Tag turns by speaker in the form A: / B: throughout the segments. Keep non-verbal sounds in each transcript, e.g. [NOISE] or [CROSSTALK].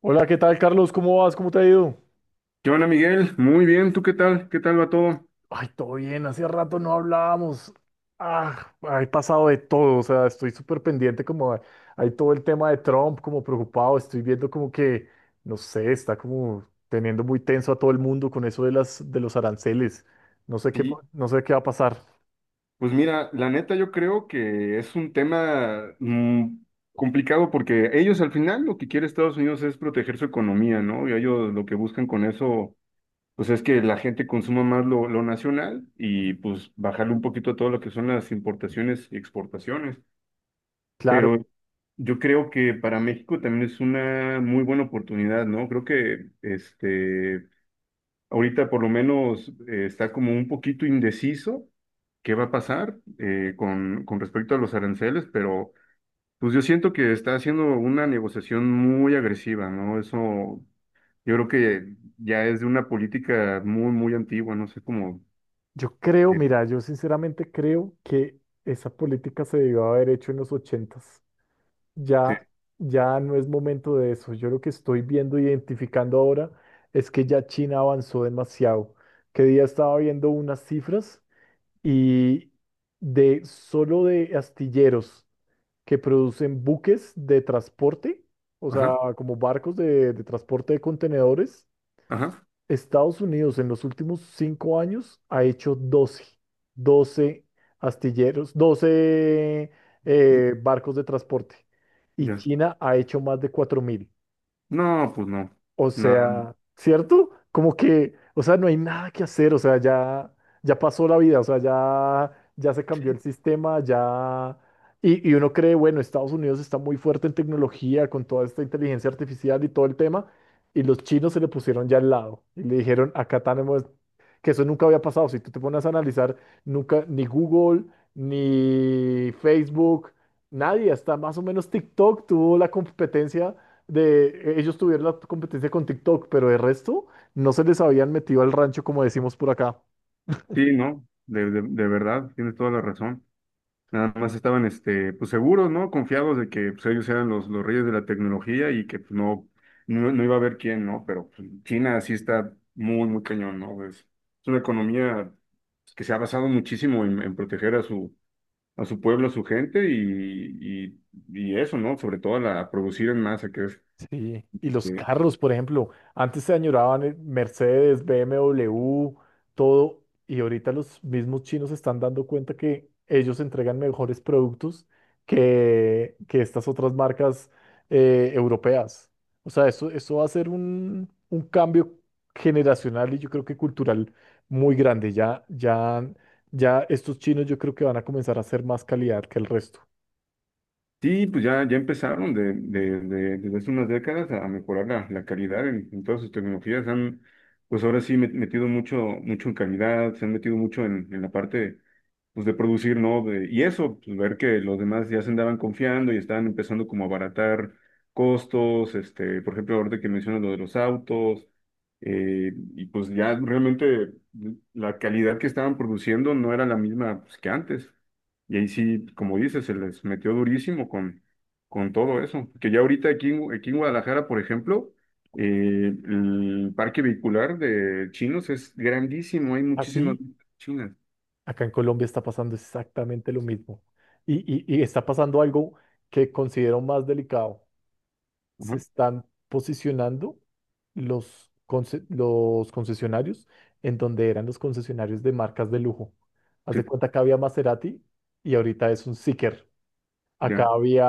A: Hola, ¿qué tal, Carlos? ¿Cómo vas? ¿Cómo te ha ido?
B: ¿Qué onda, Miguel? Muy bien, ¿tú qué tal? ¿Qué tal va todo?
A: Ay, todo bien, hace rato no hablábamos. Ah, He pasado de todo, o sea, estoy súper pendiente, hay todo el tema de Trump, como preocupado, estoy viendo como que, no sé, está como teniendo muy tenso a todo el mundo con eso de los aranceles. No sé qué,
B: Sí,
A: no sé qué va a pasar.
B: pues mira, la neta yo creo que es un tema complicado porque ellos al final lo que quiere Estados Unidos es proteger su economía, ¿no? Y ellos lo que buscan con eso, pues es que la gente consuma más lo nacional y pues bajarle un poquito a todo lo que son las importaciones y exportaciones.
A: Claro,
B: Pero yo creo que para México también es una muy buena oportunidad, ¿no? Creo que ahorita por lo menos, está como un poquito indeciso qué va a pasar, con respecto a los aranceles, pero pues yo siento que está haciendo una negociación muy agresiva, ¿no? Eso yo creo que ya es de una política muy, muy antigua, no sé cómo...
A: yo creo, mira, yo sinceramente creo que esa política se debió haber hecho en los ochentas. Ya,
B: este,
A: ya no es momento de eso. Yo lo que estoy viendo, identificando ahora, es que ya China avanzó demasiado. Que día estaba viendo unas cifras y de solo de astilleros que producen buques de transporte, o sea,
B: ajá,
A: como barcos de transporte de contenedores.
B: ajá,
A: Estados Unidos en los últimos cinco años ha hecho 12, 12 astilleros, 12 barcos de transporte, y
B: ya.
A: China ha hecho más de 4.000.
B: No, pues no,
A: O
B: nada,
A: sea, ¿cierto? Como que, o sea, no hay nada que hacer, o sea, ya, ya pasó la vida, o sea, ya, ya se cambió el sistema, ya... Y uno cree, bueno, Estados Unidos está muy fuerte en tecnología con toda esta inteligencia artificial y todo el tema, y los chinos se le pusieron ya al lado y le dijeron, acá tenemos, que eso nunca había pasado, si tú te pones a analizar, nunca, ni Google, ni Facebook, nadie, hasta más o menos TikTok tuvo la competencia de ellos tuvieron la competencia con TikTok, pero de resto no se les habían metido al rancho como decimos por acá.
B: sí, no, de verdad, tienes toda la razón. Nada más estaban, pues seguros, ¿no? Confiados de que pues, ellos eran los reyes de la tecnología y que pues, no iba a haber quién, ¿no? Pero pues, China sí está muy, muy cañón, ¿no? Es una economía que se ha basado muchísimo en proteger a su pueblo, a su gente y eso, ¿no? Sobre todo a producir en masa, que es,
A: Sí, y los
B: eh,
A: carros, por ejemplo, antes se añoraban Mercedes, BMW, todo, y ahorita los mismos chinos se están dando cuenta que ellos entregan mejores productos que estas otras marcas europeas. O sea, eso va a ser un cambio generacional y yo creo que cultural muy grande. Ya, ya, ya estos chinos yo creo que van a comenzar a hacer más calidad que el resto.
B: sí, pues ya empezaron desde hace unas décadas a mejorar la calidad en todas sus tecnologías. Han, pues ahora sí, metido mucho, mucho en calidad, se han metido mucho en la parte pues, de producir, ¿no? Y eso pues, ver que los demás ya se andaban confiando y estaban empezando como a abaratar costos, por ejemplo, ahorita que mencionas lo de los autos, y pues ya realmente la calidad que estaban produciendo no era la misma pues, que antes. Y ahí sí, como dices, se les metió durísimo con todo eso. Que ya ahorita aquí, aquí en Guadalajara, por ejemplo, el parque vehicular de chinos es grandísimo, hay muchísimas
A: Así.
B: chinas.
A: Acá en Colombia está pasando exactamente lo mismo. Y, y está pasando algo que considero más delicado. Se
B: Ajá.
A: están posicionando los, los concesionarios en donde eran los concesionarios de marcas de lujo. Haz
B: Sí,
A: de cuenta que había Maserati y ahorita es un Zeekr. Acá
B: ya.
A: había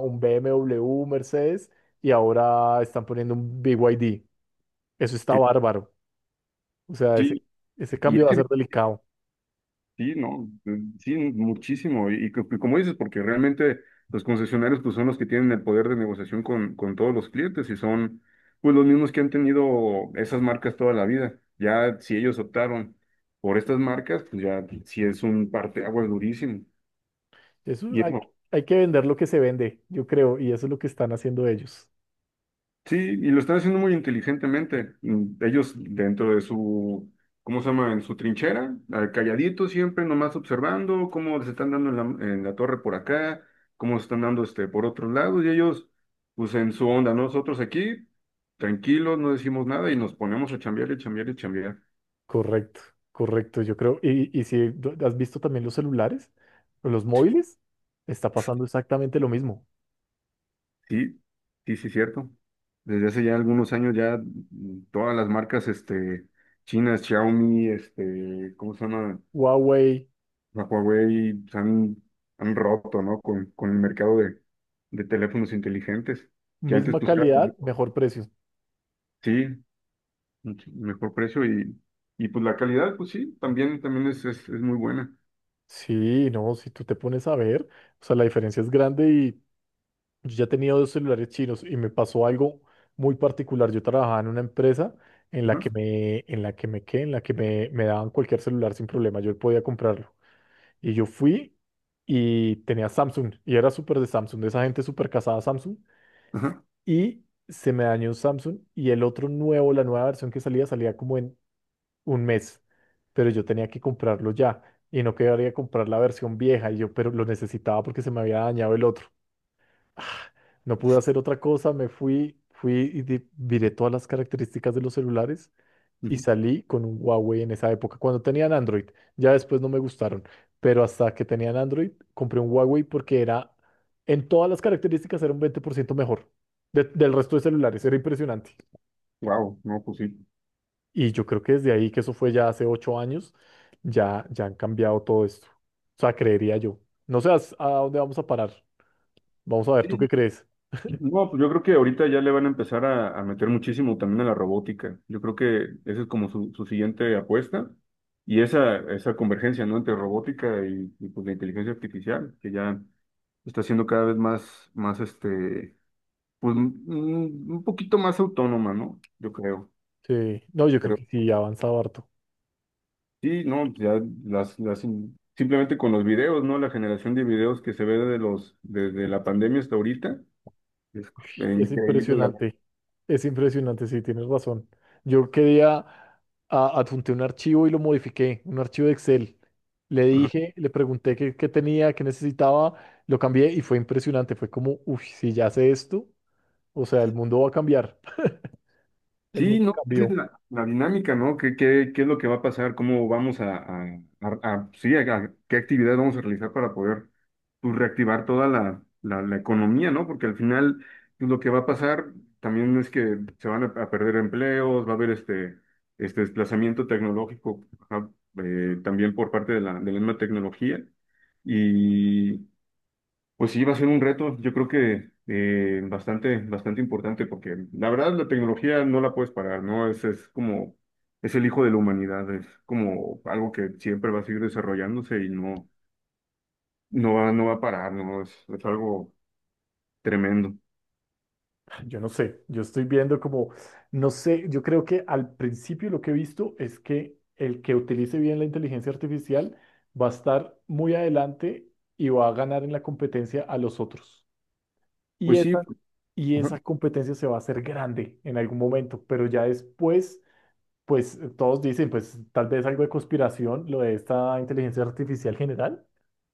A: un BMW, un Mercedes y ahora están poniendo un BYD. Eso está
B: Sí,
A: bárbaro. O sea, ese,
B: sí,
A: ese
B: y
A: cambio va a
B: ese
A: ser delicado.
B: sí, no, sí, muchísimo. Y y como dices, porque realmente los concesionarios pues, son los que tienen el poder de negociación con todos los clientes y son pues, los mismos que han tenido esas marcas toda la vida. Ya si ellos optaron por estas marcas, pues ya sí es un parteaguas durísimo.
A: Eso
B: Y
A: hay,
B: eso
A: hay que vender lo que se vende, yo creo, y eso es lo que están haciendo ellos.
B: Sí, y lo están haciendo muy inteligentemente. Ellos dentro de su, ¿cómo se llama? En su trinchera, ah, calladitos siempre, nomás observando cómo se están dando en la torre por acá, cómo se están dando, por otros lados, y ellos, pues en su onda, ¿no? Nosotros aquí, tranquilos, no decimos nada y nos ponemos a chambear y chambear y chambear.
A: Correcto, correcto, yo creo. Y si tú has visto también los celulares, o los móviles, está pasando exactamente lo mismo.
B: Sí, sí, sí, cierto. Desde hace ya algunos años ya, todas las marcas, chinas, Xiaomi, ¿cómo se llama?
A: Huawei,
B: La Huawei se han roto, ¿no? Con el mercado de teléfonos inteligentes, que antes
A: misma
B: pues era,
A: calidad, mejor precio.
B: sí, mucho mejor precio y pues la calidad, pues sí, también, también es muy buena.
A: Sí, no, si tú te pones a ver, o sea, la diferencia es grande y yo ya tenía dos celulares chinos y me pasó algo muy particular. Yo trabajaba en una empresa
B: Ajá,
A: en la que me, ¿qué? En la que me daban cualquier celular sin problema, yo podía comprarlo. Y yo fui y tenía Samsung y era súper de Samsung, de esa gente súper casada a Samsung.
B: ajá,
A: Y se me dañó un Samsung y el otro nuevo, la nueva versión que salía, salía como en un mes. Pero yo tenía que comprarlo ya y no quería comprar la versión vieja. Y yo, pero lo necesitaba porque se me había dañado el otro. Ah, No pude hacer otra cosa, me fui, miré todas las características de los celulares y salí con un Huawei en esa época, cuando tenían Android. Ya después no me gustaron, pero hasta que tenían Android compré un Huawei porque era, en todas las características era un 20% mejor del resto de celulares, era impresionante.
B: wow, no, pues sí.
A: Y yo creo que desde ahí, que eso fue ya hace ocho años, ya, ya han cambiado todo esto. O sea, creería yo. No sé a dónde vamos a parar. Vamos a ver, ¿tú qué
B: Sí.
A: crees?
B: No, pues yo creo que ahorita ya le van a empezar a meter muchísimo también a la robótica. Yo creo que esa es como su siguiente apuesta y esa convergencia, ¿no? Entre robótica y pues la inteligencia artificial, que ya... está siendo cada vez más, más, pues un poquito más autónoma, ¿no? Yo creo.
A: Sí, no, yo creo
B: Pero
A: que sí, ha avanzado harto.
B: sí, no, ya las simplemente con los videos, ¿no? La generación de videos que se ve desde la pandemia hasta ahorita, es,
A: Es
B: increíble la.
A: impresionante, es impresionante, sí, tienes razón. Yo quería, adjunté un archivo y lo modifiqué, un archivo de Excel. Le dije, le pregunté qué, qué tenía, qué necesitaba, lo cambié y fue impresionante. Fue como, uff, si ya sé esto, o sea, el mundo va a cambiar. [LAUGHS] El
B: Sí,
A: mundo
B: no, esa
A: cambió.
B: es la dinámica, ¿no? Qué es lo que va a pasar? ¿Cómo vamos sí, qué actividades vamos a realizar para poder pues, reactivar toda la economía, ¿no? Porque al final pues, lo que va a pasar también es que se van a perder empleos, va a haber este desplazamiento tecnológico, ajá, también por parte de de la misma tecnología, pues sí, va a ser un reto, yo creo que, bastante, bastante importante, porque la verdad la tecnología no la puedes parar, ¿no? Es como, es el hijo de la humanidad, es como algo que siempre va a seguir desarrollándose y no, no va a parar, ¿no? Es algo tremendo.
A: Yo no sé, yo estoy viendo como, no sé, yo creo que al principio lo que he visto es que el que utilice bien la inteligencia artificial va a estar muy adelante y va a ganar en la competencia a los otros. Y
B: Pues
A: esa,
B: sí,
A: y
B: ajá,
A: esa competencia se va a hacer grande en algún momento, pero ya después, pues todos dicen, pues tal vez algo de conspiración, lo de esta inteligencia artificial general,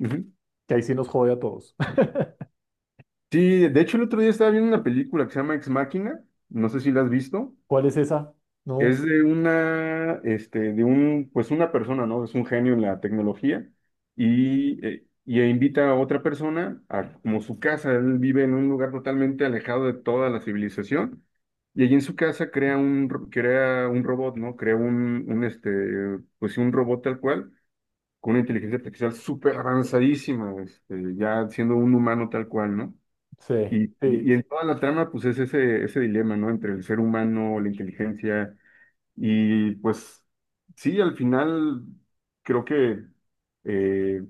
B: ujú.
A: que ahí sí nos jode a todos. [LAUGHS]
B: Sí, de hecho el otro día estaba viendo una película que se llama Ex Machina, no sé si la has visto.
A: ¿Cuál es esa? No
B: Es de un, pues una persona, ¿no? Es un genio en la tecnología y invita a otra persona a como su casa. Él vive en un lugar totalmente alejado de toda la civilización y allí en su casa crea crea un robot, ¿no? Crea pues sí, un robot tal cual con una inteligencia artificial súper avanzadísima, ya siendo un humano tal cual, ¿no?
A: sé. Sí.
B: Y en toda la trama, pues es ese dilema, ¿no? Entre el ser humano, la inteligencia y pues sí, al final creo que, eh,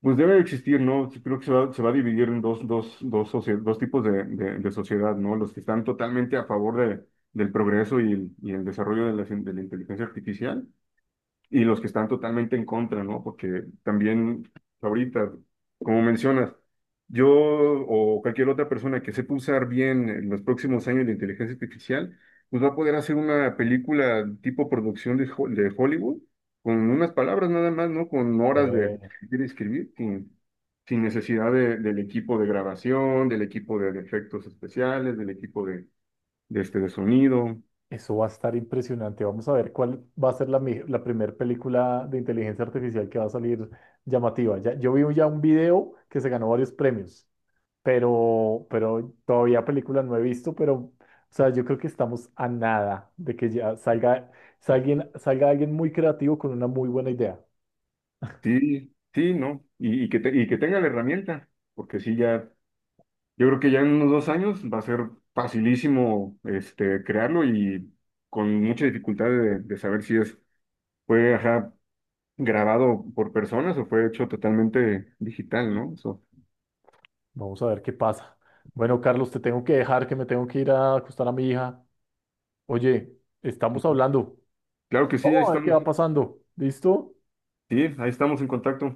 B: pues debe de existir, ¿no? Sí, creo que se va a dividir en dos tipos de sociedad, ¿no? Los que están totalmente a favor del progreso y y el desarrollo de de la inteligencia artificial y los que están totalmente en contra, ¿no? Porque también ahorita, como mencionas, yo o cualquier otra persona que sepa usar bien en los próximos años de inteligencia artificial, pues va a poder hacer una película tipo producción de Hollywood con unas palabras nada más, ¿no? Con horas
A: Sí.
B: de escribir, sin necesidad del equipo de grabación, del equipo de efectos especiales, del equipo de sonido.
A: Eso va a estar impresionante. Vamos a ver cuál va a ser la primera película de inteligencia artificial que va a salir llamativa. Ya, yo vi ya un video que se ganó varios premios, pero todavía película no he visto, pero o sea, yo creo que estamos a nada de que ya salga, salga, salga alguien muy creativo con una muy buena idea.
B: Sí, sí, ¿no? Y que tenga la herramienta, porque sí, ya, yo creo que ya en unos 2 años va a ser facilísimo, crearlo y con mucha dificultad de saber si fue, ajá, grabado por personas o fue hecho totalmente digital, ¿no? So,
A: Vamos a ver qué pasa. Bueno, Carlos, te tengo que dejar, que me tengo que ir a acostar a mi hija. Oye, estamos hablando.
B: claro que
A: Vamos a ver qué va pasando. ¿Listo?
B: sí, ahí estamos en contacto.